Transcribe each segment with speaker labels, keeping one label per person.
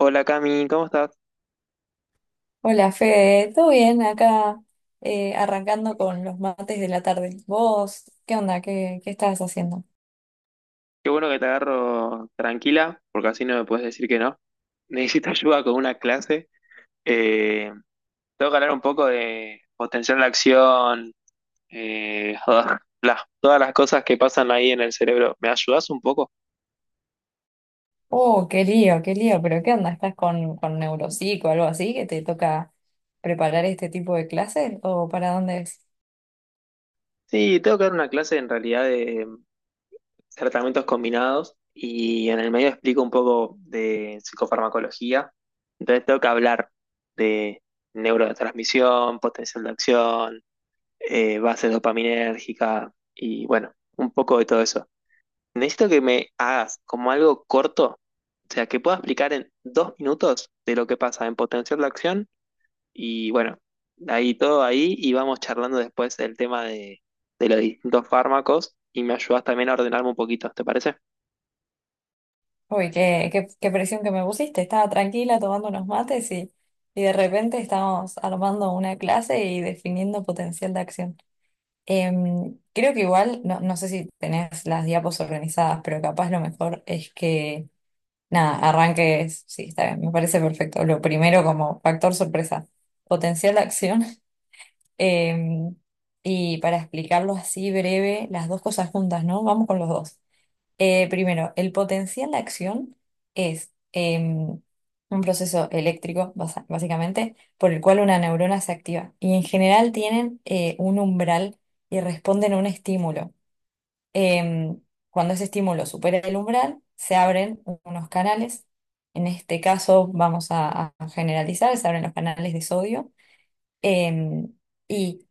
Speaker 1: Hola, Cami, ¿cómo estás?
Speaker 2: Hola Fede, ¿todo bien? Acá arrancando con los mates de la tarde. ¿Vos qué onda? ¿Qué estabas haciendo?
Speaker 1: Qué bueno que te agarro tranquila, porque así no me puedes decir que no. Necesito ayuda con una clase. Eh, Tengo que hablar un poco de potencial de acción, eh, todas las cosas que pasan ahí en el cerebro. ¿Me ayudas un poco?
Speaker 2: Oh, qué lío, pero ¿qué onda? ¿Estás con neuropsico o algo así que te toca preparar este tipo de clases? ¿O para dónde es?
Speaker 1: Sí, tengo que dar una clase en realidad de tratamientos combinados, y en el medio explico un poco de psicofarmacología. Entonces tengo que hablar de neurotransmisión, potencial de acción, bases dopaminérgica, y bueno, un poco de todo eso. Necesito que me hagas como algo corto, o sea, que pueda explicar en dos minutos de lo que pasa en potenciar la acción, y bueno, ahí todo ahí, y vamos charlando después del tema de los distintos fármacos, y me ayudas también a ordenarme un poquito, ¿te parece?
Speaker 2: Uy, qué presión que me pusiste. Estaba tranquila tomando unos mates y de repente estamos armando una clase y definiendo potencial de acción. Creo que igual, no, no sé si tenés las diapos organizadas, pero capaz lo mejor es que, nada, arranques, sí, está bien, me parece perfecto. Lo primero como factor sorpresa, potencial de acción. em, y para explicarlo así breve, las dos cosas juntas, ¿no? Vamos con los dos. Primero, el potencial de acción es un proceso eléctrico, básicamente, por el cual una neurona se activa. Y en general tienen un umbral y responden a un estímulo. Em, Cuando ese estímulo supera el umbral, se abren unos canales. En este caso, vamos a generalizar, se abren los canales de sodio. Em, Y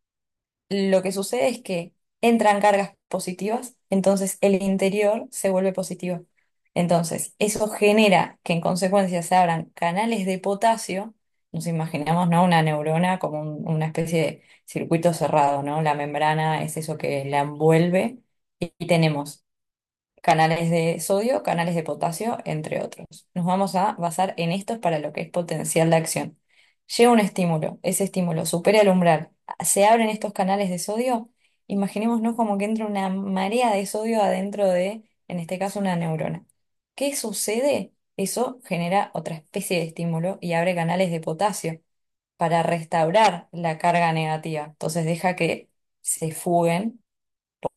Speaker 2: lo que sucede es que entran cargas positivas, entonces el interior se vuelve positivo. Entonces, eso genera que en consecuencia se abran canales de potasio. Nos imaginamos, ¿no? Una neurona como una especie de circuito cerrado, ¿no? La membrana es eso que la envuelve y tenemos canales de sodio, canales de potasio, entre otros. Nos vamos a basar en estos para lo que es potencial de acción. Llega un estímulo, ese estímulo supera el umbral, se abren estos canales de sodio, imaginémonos como que entra una marea de sodio adentro de, en este caso, una neurona. ¿Qué sucede? Eso genera otra especie de estímulo y abre canales de potasio para restaurar la carga negativa. Entonces deja que se fuguen,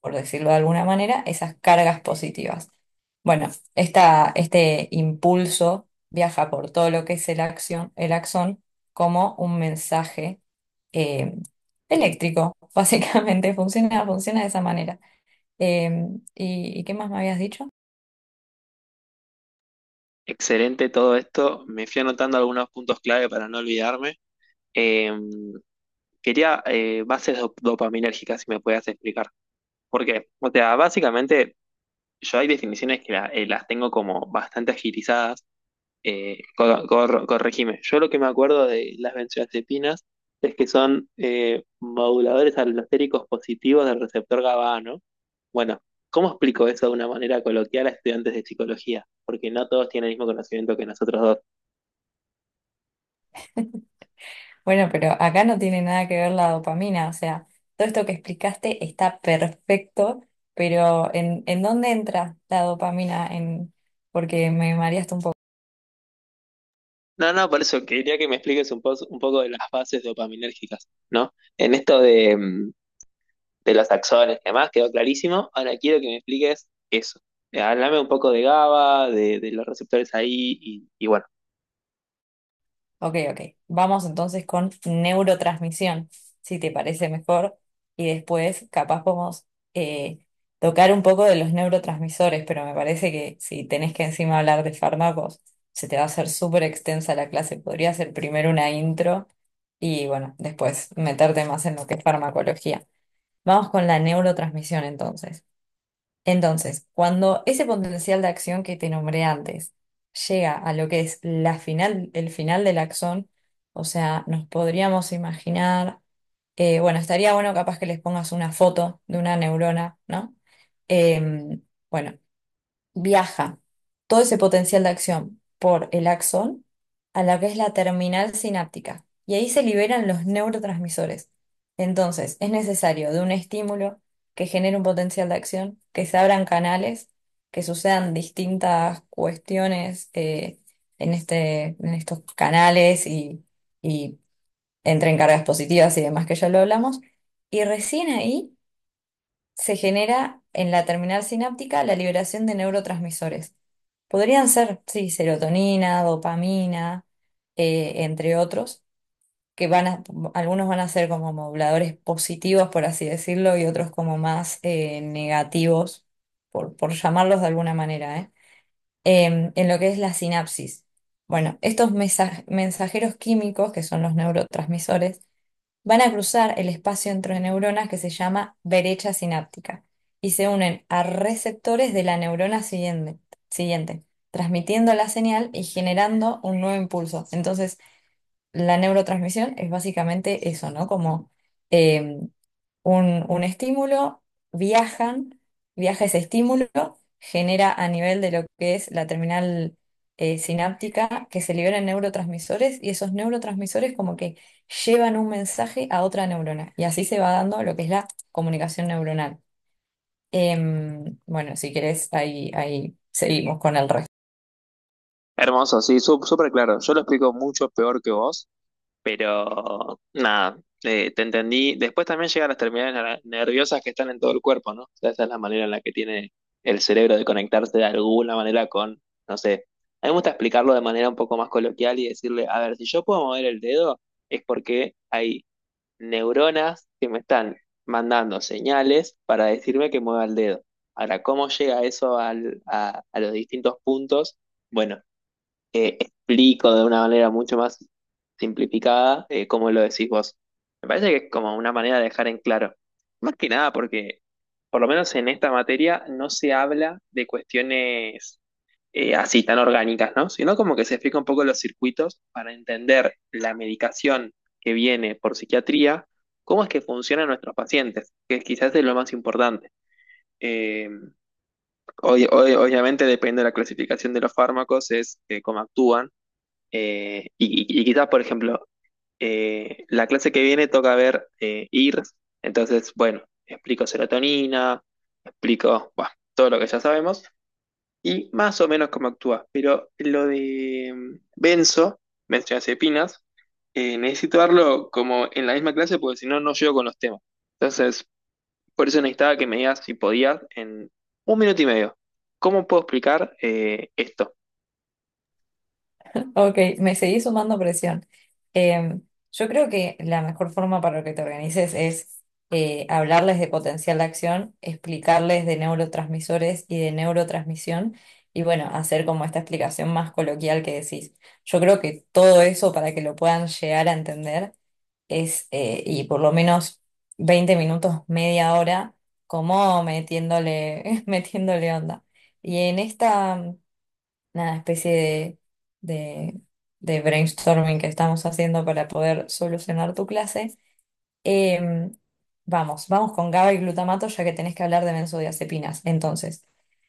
Speaker 2: por decirlo de alguna manera, esas cargas positivas. Bueno, esta, este impulso viaja por todo lo que es el acción, el axón como un mensaje eh, eléctrico, básicamente funciona de esa manera. Eh, ¿Y, y qué más me habías dicho?
Speaker 1: Excelente todo esto, me fui anotando algunos puntos clave para no olvidarme. Em, Quería, bases dopaminérgicas, si me puedes explicar. ¿Por qué? O sea, básicamente yo, hay definiciones que las tengo como bastante agilizadas. Corregime. Yo lo que me acuerdo de las benzodiazepinas es que son moduladores alostéricos positivos del receptor GABA, A, ¿no? Bueno, ¿cómo explico eso de una manera coloquial a estudiantes de psicología? Porque no todos tienen el mismo conocimiento que nosotros dos.
Speaker 2: Bueno, pero acá no tiene nada que ver la dopamina, o sea, todo esto que explicaste está perfecto, pero en dónde entra la dopamina? En, porque me mareaste un poco.
Speaker 1: No, no, por eso quería que me expliques un, un poco de las bases dopaminérgicas, ¿no? En esto de, de los axones y demás, quedó clarísimo. Ahora quiero que me expliques eso. Háblame un poco de GABA, de los receptores ahí, y bueno.
Speaker 2: Ok, ok. Vamos entonces con neurotransmisión, si te parece mejor. Y después capaz podemos eh, tocar un poco de los neurotransmisores, pero me parece que si tenés que encima hablar de fármacos, se te va a hacer súper extensa la clase. Podría ser primero una intro y bueno, después meterte más en lo que es farmacología. Vamos con la neurotransmisión entonces. Entonces, cuando ese potencial de acción que te nombré antes llega a lo que es la final, el final del axón, o sea, nos podríamos imaginar, bueno, estaría bueno capaz que les pongas una foto de una neurona, ¿no? Em, bueno, viaja todo ese potencial de acción por el axón a la que es la terminal sináptica y ahí se liberan los neurotransmisores. Entonces, es necesario de un estímulo que genere un potencial de acción, que se abran canales, que sucedan distintas cuestiones en este, en estos canales y entren cargas positivas y demás que ya lo hablamos. Y recién ahí se genera en la terminal sináptica la liberación de neurotransmisores. Podrían ser, sí, serotonina, dopamina, entre otros, que van a, algunos van a ser como moduladores positivos, por así decirlo, y otros como más negativos, por llamarlos de alguna manera, ¿eh? En lo que es la sinapsis. Bueno, estos mensajeros químicos, que son los neurotransmisores, van a cruzar el espacio entre neuronas que se llama brecha sináptica y se unen a receptores de la neurona siguiente, transmitiendo la señal y generando un nuevo impulso. Entonces, la neurotransmisión es básicamente eso, ¿no? Como eh, un estímulo, viajan, viaja ese estímulo, genera a nivel de lo que es la terminal sináptica que se liberan neurotransmisores y esos neurotransmisores como que llevan un mensaje a otra neurona y así se va dando lo que es la comunicación neuronal. Bueno, si querés, ahí, ahí seguimos con el resto.
Speaker 1: Hermoso, sí, súper claro. Yo lo explico mucho peor que vos, pero nada, te entendí. Después también llegan las terminales nerviosas que están en todo el cuerpo, ¿no? O sea, esa es la manera en la que tiene el cerebro de conectarse de alguna manera con, no sé. A mí me gusta explicarlo de manera un poco más coloquial y decirle, a ver, si yo puedo mover el dedo, es porque hay neuronas que me están mandando señales para decirme que mueva el dedo. Ahora, ¿cómo llega eso a los distintos puntos? Bueno, explico de una manera mucho más simplificada, cómo lo decís vos. Me parece que es como una manera de dejar en claro. Más que nada porque, por lo menos en esta materia, no se habla de cuestiones así tan orgánicas, ¿no? Sino como que se explica un poco los circuitos para entender la medicación que viene por psiquiatría, cómo es que funcionan nuestros pacientes, que quizás es lo más importante. Eh, Hoy, obviamente depende de la clasificación de los fármacos, es cómo actúan. Y quizás, por ejemplo, la clase que viene toca ver, IRS, entonces, bueno, explico serotonina, explico, bueno, todo lo que ya sabemos y más o menos cómo actúa. Pero lo de Benzo, Benzodiazepinas, necesito darlo como en la misma clase, porque si no, no llego con los temas. Entonces, por eso necesitaba que me digas si podías en un minuto y medio. ¿Cómo puedo explicar, esto?
Speaker 2: Ok, me seguís sumando presión. Eh, yo creo que la mejor forma para que te organices es hablarles de potencial de acción, explicarles de neurotransmisores y de neurotransmisión, y bueno, hacer como esta explicación más coloquial que decís. Yo creo que todo eso para que lo puedan llegar a entender es, y por lo menos 20 minutos, media hora, como metiéndole, metiéndole onda. Y en esta una especie de, de brainstorming que estamos haciendo para poder solucionar tu clase. Eh, vamos con GABA y glutamato ya que tenés que hablar de benzodiazepinas. Entonces,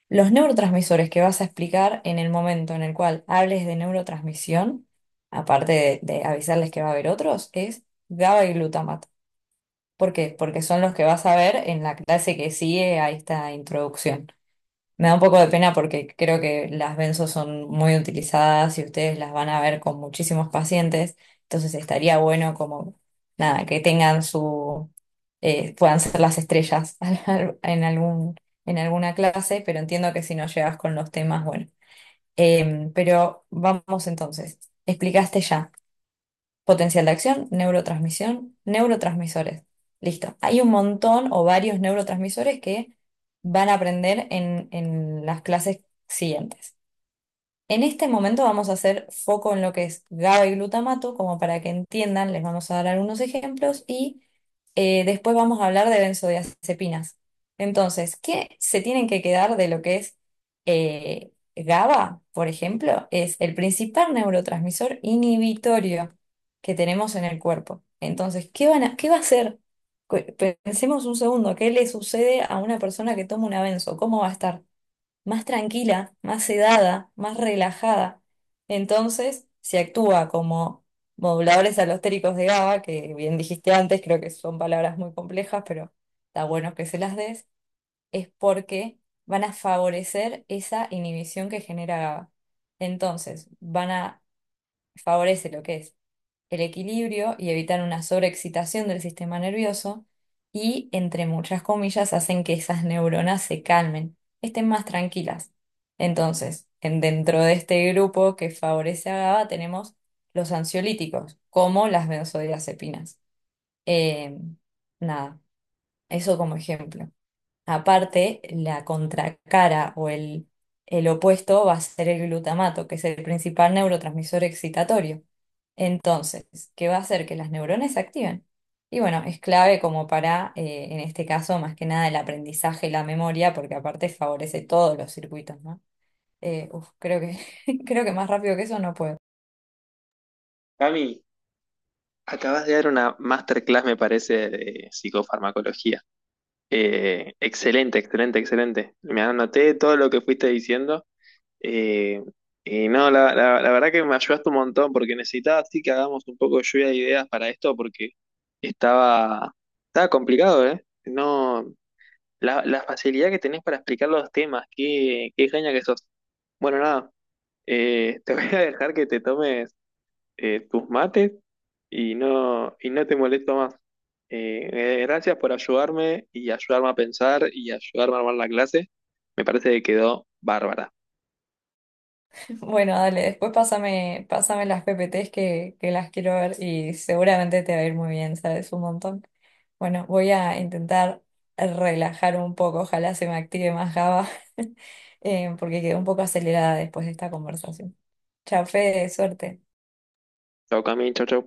Speaker 2: los neurotransmisores que vas a explicar en el momento en el cual hables de neurotransmisión, aparte de avisarles que va a haber otros, es GABA y glutamato. ¿Por qué? Porque son los que vas a ver en la clase que sigue a esta introducción. Me da un poco de pena porque creo que las benzo son muy utilizadas y ustedes las van a ver con muchísimos pacientes, entonces estaría bueno como, nada, que tengan su, puedan ser las estrellas en algún, en alguna clase, pero entiendo que si no llegas con los temas, bueno. Pero vamos entonces, explicaste ya. Potencial de acción, neurotransmisión, neurotransmisores. Listo. Hay un montón o varios neurotransmisores que van a aprender en las clases siguientes. En este momento vamos a hacer foco en lo que es GABA y glutamato, como para que entiendan, les vamos a dar algunos ejemplos y después vamos a hablar de benzodiazepinas. Entonces, ¿qué se tienen que quedar de lo que es GABA, por ejemplo? Es el principal neurotransmisor inhibitorio que tenemos en el cuerpo. Entonces, ¿qué va a hacer? Cu- Pensemos un segundo, ¿qué le sucede a una persona que toma un benzo? ¿Cómo va a estar? Más tranquila, más sedada, más relajada. Entonces, si actúa como moduladores alostéricos de GABA, que bien dijiste antes, creo que son palabras muy complejas, pero está bueno que se las des, es porque van a favorecer esa inhibición que genera GABA. Entonces, van a favorecer lo que es el equilibrio y evitan una sobreexcitación del sistema nervioso y, entre muchas comillas, hacen que esas neuronas se calmen, estén más tranquilas. Entonces, dentro de este grupo que favorece a GABA tenemos los ansiolíticos, como las benzodiazepinas. Eh, nada, eso como ejemplo. Aparte, la contracara o el opuesto va a ser el glutamato, que es el principal neurotransmisor excitatorio. Entonces, ¿qué va a hacer? Que las neuronas se activen. Y bueno, es clave como para, en este caso, más que nada el aprendizaje y la memoria, porque aparte favorece todos los circuitos, ¿no? Uf, creo que, creo que más rápido que eso no puedo.
Speaker 1: Cami, acabas de dar una masterclass, me parece, de psicofarmacología. Excelente, excelente, excelente. Me anoté todo lo que fuiste diciendo. Eh, y no, la verdad que me ayudaste un montón, porque necesitaba sí que hagamos un poco de lluvia de ideas para esto, porque estaba, estaba complicado, ¿eh? No, la facilidad que tenés para explicar los temas, qué, qué genia que sos. Bueno, nada, te voy a dejar que te tomes, tus mates, y no te molesto más. Gracias por ayudarme y ayudarme a pensar y ayudarme a armar la clase. Me parece que quedó bárbara.
Speaker 2: Bueno, dale, pásame las PPTs que las quiero ver y seguramente te va a ir muy bien, sabes un montón. Bueno, voy a intentar relajar un poco, ojalá se me active más Java, porque quedé un poco acelerada después de esta conversación. Chafe, suerte.
Speaker 1: Chau, Cami, chau, chau.